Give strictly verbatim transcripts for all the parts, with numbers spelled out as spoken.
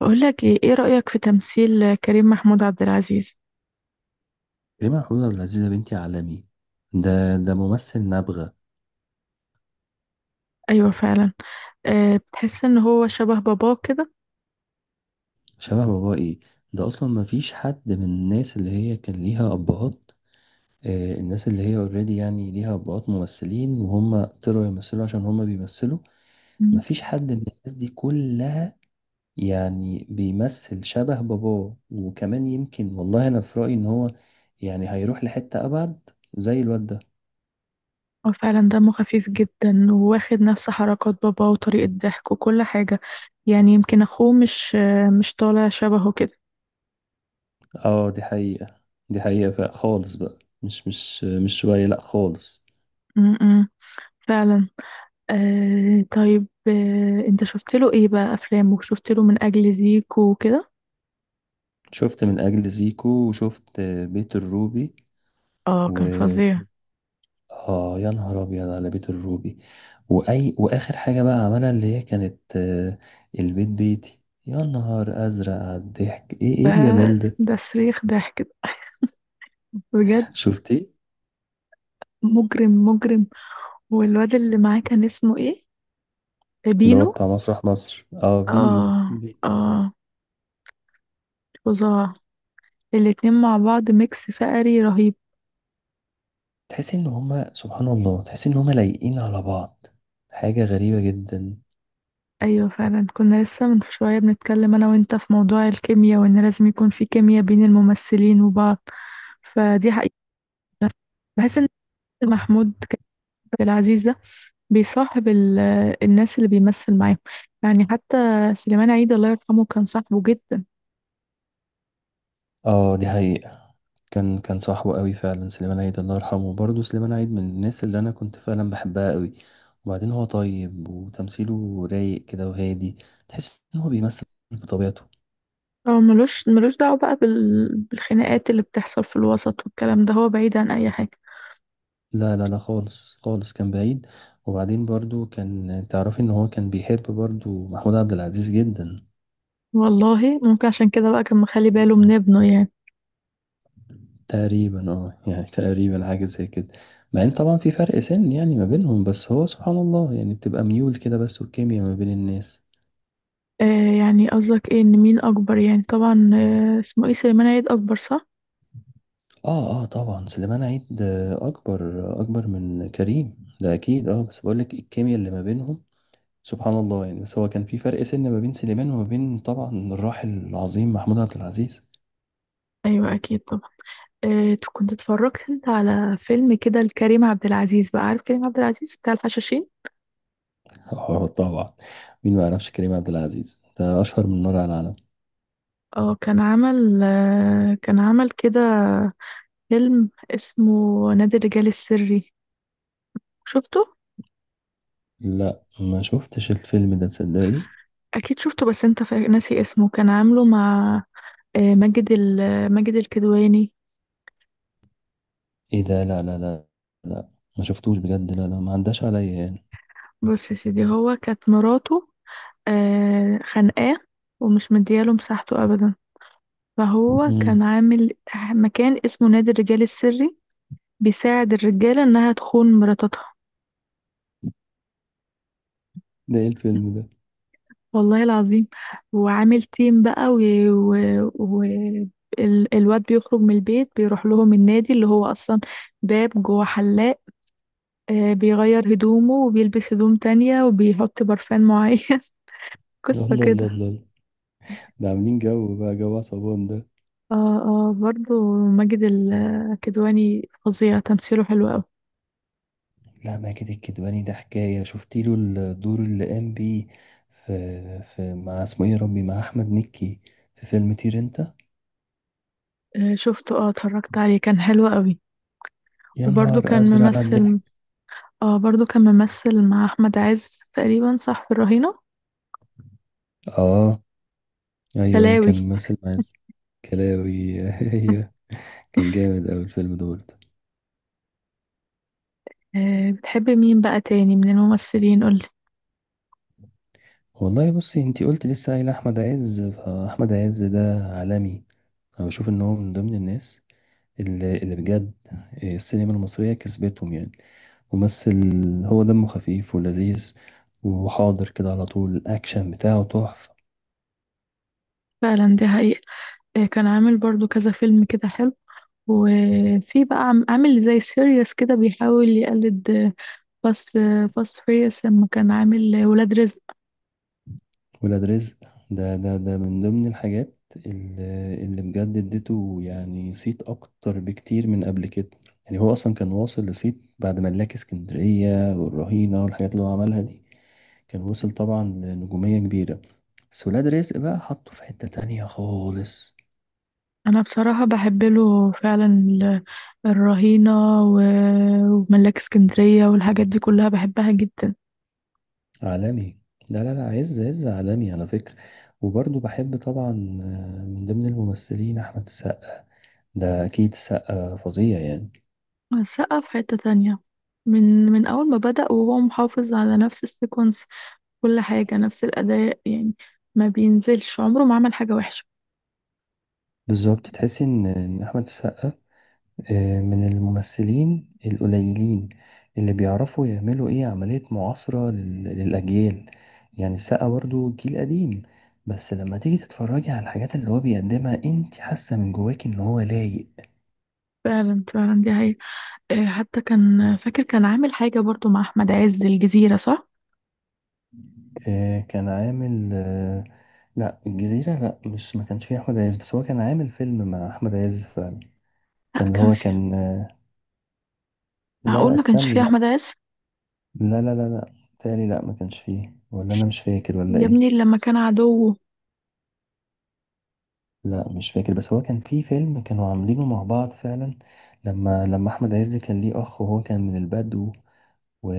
بقول لك ايه ايه رأيك في تمثيل كريم محمود عبد العزيز؟ كريم محمود عبد العزيز يا بنتي عالمي. ده ده ممثل نابغة. ايوه فعلا. أه بتحس ان هو شبه باباه كده. شبه باباه ايه؟ ده اصلا ما فيش حد من الناس اللي هي كان ليها ابهات. آه الناس اللي هي اوريدي يعني ليها ابهات ممثلين وهم طلعوا يمثلوا عشان هم بيمثلوا. ما مم. فيش حد من الناس دي كلها يعني بيمثل شبه باباه، وكمان يمكن والله انا في رأيي ان هو يعني هيروح لحتة ابعد زي الواد ده. هو فعلا دمه خفيف جدا وواخد نفس حركات باباه وطريقة ضحك وكل حاجة. يعني يمكن اخوه مش آه، مش طالع شبهه كده. اه دي حقيقة، دي حقيقة فخالص بقى مش مش مش شوية، لا خالص. م-م. فعلا. أه طيب، أه انت شفت له ايه بقى افلامه؟ شفت له من اجل زيكو وكده. شفت من اجل زيكو وشفت بيت الروبي اه، و كان فظيع. اه يا نهار ابيض على بيت الروبي. واي واخر حاجه بقى عملها اللي هي كانت آه، البيت بيتي. يا نهار ازرق على الضحك، ايه ده ايه الجمال ده. ده صريخ ضحك بجد. شفتيه؟ مجرم مجرم. والواد اللي معاه كان اسمه ايه؟ اللي هو بينو. بتاع مسرح مصر اه بينو اه بي- اه، فظاع. الاتنين مع بعض ميكس فقري رهيب. تحس ان هما سبحان الله، تحس ان هما لايقين على بعض. حاجه غريبه جدا. ايوه فعلا، كنا لسه من شويه بنتكلم انا وانت في موضوع الكيمياء، وان لازم يكون في كيمياء بين الممثلين وبعض. فدي حقيقة. بحس ان محمود كامل العزيز ده بيصاحب ال- الناس اللي بيمثل معاهم. يعني حتى سليمان عيد الله يرحمه كان صاحبه جدا. اه دي حقيقة. كان كان صاحبه قوي فعلا. سليمان عيد الله يرحمه، برضه سليمان عيد من الناس اللي انا كنت فعلا بحبها قوي. وبعدين هو طيب وتمثيله رايق كده وهادي، تحس ان هو بيمثل بطبيعته. هو ملوش ملوش دعوة بقى بال... بالخناقات اللي بتحصل في الوسط والكلام ده، هو بعيد عن اي حاجة. لا لا لا خالص، خالص كان بعيد. وبعدين برضه كان تعرفي ان هو كان بيحب برضه محمود عبد العزيز جدا. والله ممكن عشان كده بقى كان مخلي باله من مم. ابنه يعني. تقريبا اه يعني تقريبا حاجة زي كده. مع ان طبعا في فرق سن يعني ما بينهم، بس هو سبحان الله يعني بتبقى ميول كده، بس والكيمياء ما بين الناس. آه، يعني قصدك ايه، ان مين اكبر؟ يعني طبعا آه، اسمه ايه، سليمان عيد اكبر صح. اه اه طبعا سليمان عيد آه، اكبر. اكبر من كريم ده اكيد. اه بس بقول لك الكيمياء اللي ما بينهم سبحان الله يعني. بس هو كان في فرق سن ما بين سليمان وما بين طبعا الراحل العظيم محمود عبد العزيز. ايوه اكيد طبعا. آه، ت- كنت اتفرجت انت على فيلم كده لكريم عبد العزيز؟ بقى عارف كريم عبد العزيز بتاع الحشاشين؟ اه طبعا، مين ما يعرفش كريم عبد العزيز؟ ده اشهر من نار على العالم. اه كان عمل آه كان عمل كده فيلم اسمه نادي الرجال السري. شفته؟ لا ما شفتش الفيلم ده، تصدقي؟ اكيد شفته، بس انت فا- ناسي اسمه. كان عامله مع آه، ماجد ال- ماجد الكدواني. ايه ده؟ لا لا لا، لا ما شفتوش بجد، لا لا ما عداش عليا يعني. بص يا سيدي، هو كانت مراته آه، خانقاه ومش مدياله مساحته أبدا. فهو كان مم. عامل مكان اسمه نادي الرجال السري، بيساعد الرجالة إنها تخون مراتاتها ده ايه الفيلم ده؟ والله العظيم. وعامل تيم بقى و... و... و... ال- الواد بيخرج من البيت بيروح لهم النادي، اللي هو أصلا باب جوه حلاق. آه، بيغير هدومه وبيلبس هدوم تانية وبيحط برفان معين. الله قصة الله الله كده. الله. ده عاملين جو بقى، جو عصابات ده. اه اه، برضه ماجد الكدواني فظيع، تمثيله حلو أوي. لا ماجد الكدواني ده حكاية. شفت له الدور اللي قام بيه في، في مع اسمه ايه يا ربي، مع احمد مكي في فيلم طير انت. آه، شفته. اه، اتفرجت عليه كان حلو قوي. يا وبرضه نهار كان ازرق على ممثل الضحك. اه برضه كان ممثل مع احمد عز تقريبا صح في الرهينة. اه ايوه أيوة، كلاوي. كان ممثل مع ياسر كلاوي. ايوه، كان جامد اوي الفيلم دول ده برضه. آه، بتحبي مين بقى تاني من الممثلين؟ قولي. والله بصي، انتي قلت لسه قايل احمد عز، فاحمد عز ده عالمي. انا بشوف ان هو من ضمن الناس اللي, اللي بجد السينما المصرية كسبتهم يعني. ممثل، هو دمه خفيف ولذيذ، وحاضر كده على طول، الأكشن بتاعه تحفة. فعلا دي حقيقة. آه، كان عامل برضه كذا فيلم كده حلو. وفي بقى عم- عامل زي سيريوس كده، بيحاول يقلد آه، فاست آه، فاست فيريوس لما كان عامل ولاد رزق. ولاد رزق ده ده ده من ضمن الحاجات اللي, اللي بجد اديته يعني صيت أكتر بكتير من قبل كده. يعني هو أصلا كان واصل لصيت بعد ملاك اسكندرية والرهينة والحاجات اللي هو عملها دي، كان وصل طبعا لنجومية كبيرة، بس ولاد رزق بقى حطه في حتة تانية خالص. انا بصراحة بحب له فعلا ال- الرهينة و- وملاك اسكندرية، والحاجات دي كلها بحبها جدا. عالمي، لا لا لا، عز عز عالمي على فكرة. وبرضه بحب طبعا آه، من ضمن الممثلين أحمد السقا. ده أكيد السقا فظيع يعني. السقا في حتة تانية. من من اول ما بدأ وهو محافظ على نفس السيكونس. كل حاجة نفس الاداء يعني. ما بينزلش، عمره ما عمل حاجة وحشة. بالظبط، تحس إن إن أحمد السقا آه، من الممثلين القليلين اللي بيعرفوا يعملوا إيه عملية معاصرة لل- للأجيال. يعني السقا برضه جيل قديم، بس لما تيجي تتفرجي على الحاجات اللي هو بيقدمها انت حاسة من جواك إن هو لايق. فعلا فعلا، دي هي. حتى كان فاكر، كان عامل حاجة برضو مع احمد عز، الجزيرة صح. آه، كان عامل آه، لا الجزيرة لا، مش ما كانش فيه أحمد عز، بس هو كان عامل فيلم مع أحمد عز فعلا. كان لا، اللي كان هو في. كان آه، لا لا معقول ما كانش استني فيه لا. احمد عز؟ لا لا لا لا تالي، لا ما كانش فيه ولا أنا مش فاكر ولا يا إيه. ابني لما كان عدوه. لا مش فاكر، بس هو كان فيه فيلم كانوا عاملينه مع بعض فعلا. لما لما أحمد عز كان ليه أخ وهو كان من البدو و...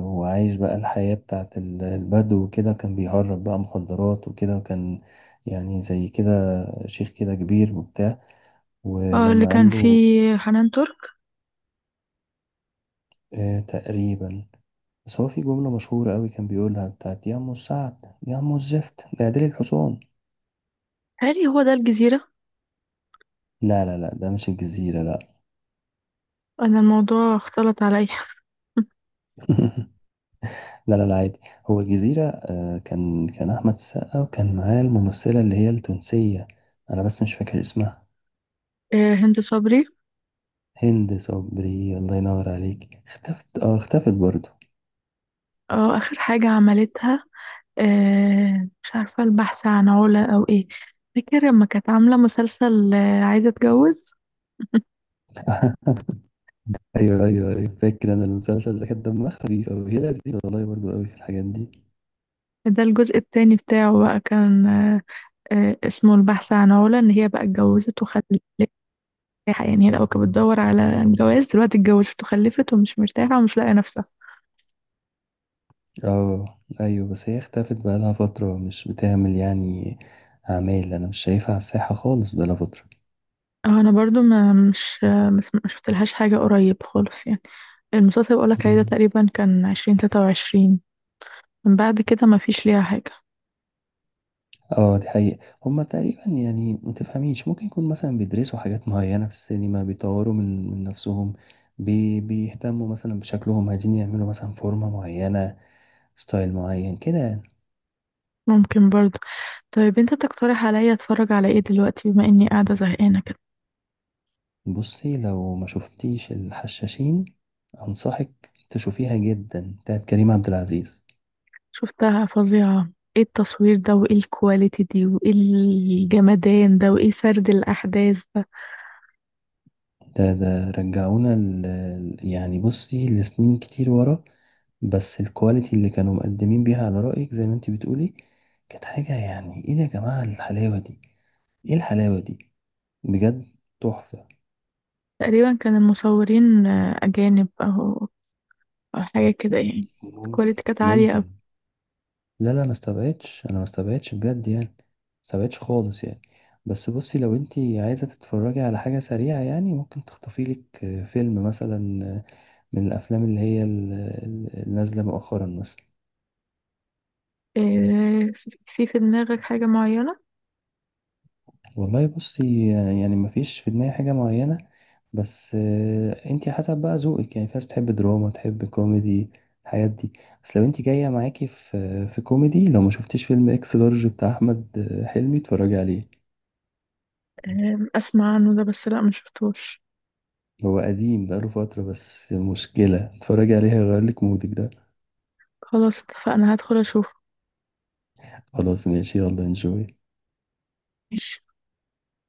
وعايش بقى الحياة بتاعت ال- البدو وكده، كان بيهرب بقى مخدرات وكده، وكان يعني زي كده شيخ كده كبير وبتاع، آه، اللي ولما كان قال له فيه حنان ترك. آه تقريبا. بس هو في جملة مشهورة قوي كان بيقولها، بتاعت يا أم السعد، يا أم الزفت ده يا ديل الحصان. هل هو ده الجزيرة؟ لا لا لا ده مش الجزيرة، لا. أنا الموضوع اختلط عليا. لا لا لا عادي. هو الجزيرة آه كان كان أحمد السقا، وكان معاه الممثلة اللي هي التونسية، أنا بس مش فاكر اسمها. آه، هند صبري. هند صبري، الله ينور عليك. اختفت، اه اختفت برضه. اه، آخر حاجة عملتها، آه، مش عارفة، البحث عن علا أو إيه. فاكر لما كانت عاملة مسلسل آه، عايزة أتجوز. ايوه ايوه أيوة، فاكر انا المسلسل ده، كان دمها خفيف قوي، هي لذيذه والله برضه قوي في الحاجات دي. ده الجزء التاني بتاعه بقى كان آه، آه، اسمه البحث عن علا، إن هي بقى اتجوزت وخلفت. يعني هي لو كانت بتدور على الجواز دلوقتي، اتجوزت وخلفت ومش مرتاحة ومش لاقية نفسها. اه ايوه بس هي اختفت بقالها فترة، مش بتعمل يعني اعمال. انا مش شايفها على الساحة خالص بقالها فترة. اه انا برضو ما مش مش ما شفتلهاش حاجه قريب خالص يعني. المسلسل اللي بقولك عليه ده مم. تقريبا كان عشرين تلاتة وعشرين. من بعد كده ما فيش ليها حاجه. اه دي حقيقة. هما تقريبا يعني متفهميش، ممكن يكون مثلا بيدرسوا حاجات معينة في السينما، بيطوروا من, من نفسهم. بي بيهتموا مثلا بشكلهم، عايزين يعملوا مثلا فورمة معينة، ستايل معين كده يعني. ممكن برضو. طيب انت تقترح عليا اتفرج على ايه دلوقتي، بما اني قاعده زهقانه كده؟ بصي لو ما شفتيش الحشاشين، أنصحك تشوفيها جدا بتاعت كريم عبد العزيز. شفتها فظيعه. ايه التصوير ده، وايه الكواليتي دي، وايه الجمدان ده، وايه سرد الاحداث ده. ده ده رجعونا ال... يعني بصي لسنين كتير ورا. بس الكواليتي اللي كانوا مقدمين بيها، على رأيك زي ما انت بتقولي، كانت حاجة يعني. ايه ده يا جماعة الحلاوة دي؟ ايه الحلاوة دي؟ بجد تحفة. تقريبا كان المصورين آه، اجانب او أو حاجه كده يعني. ممكن. الكواليتي كانت عاليه أوي. ممكن. لا لا ما استبعدش، انا ما استبعدش بجد يعني، ما استبعدش خالص يعني. بس بصي لو انت عايزة تتفرجي على حاجة سريعة يعني، ممكن تخطفي لك فيلم مثلا من الافلام اللي هي ال- ال- النازلة مؤخرا مثلا. آه، في في دماغك حاجه معينه؟ والله بصي، يعني مفيش في دماغي حاجة معينة، بس آه، انتي حسب بقى ذوقك يعني. في ناس بتحب دراما، تحب كوميدي، الحاجات دي. بس لو انتي جاية معاكي في في كوميدي، لو ما شفتيش فيلم اكس لارج بتاع احمد آه، حلمي، اتفرجي عليه. أم، اسمع عنه ده، بس لا ما شفتوش. هو قديم بقاله فترة، بس مشكلة اتفرجي عليه، هيغيرلك مودك ده. خلاص اتفقنا، هدخل اشوف. خلاص ماشي، يلا انجوي. ماشي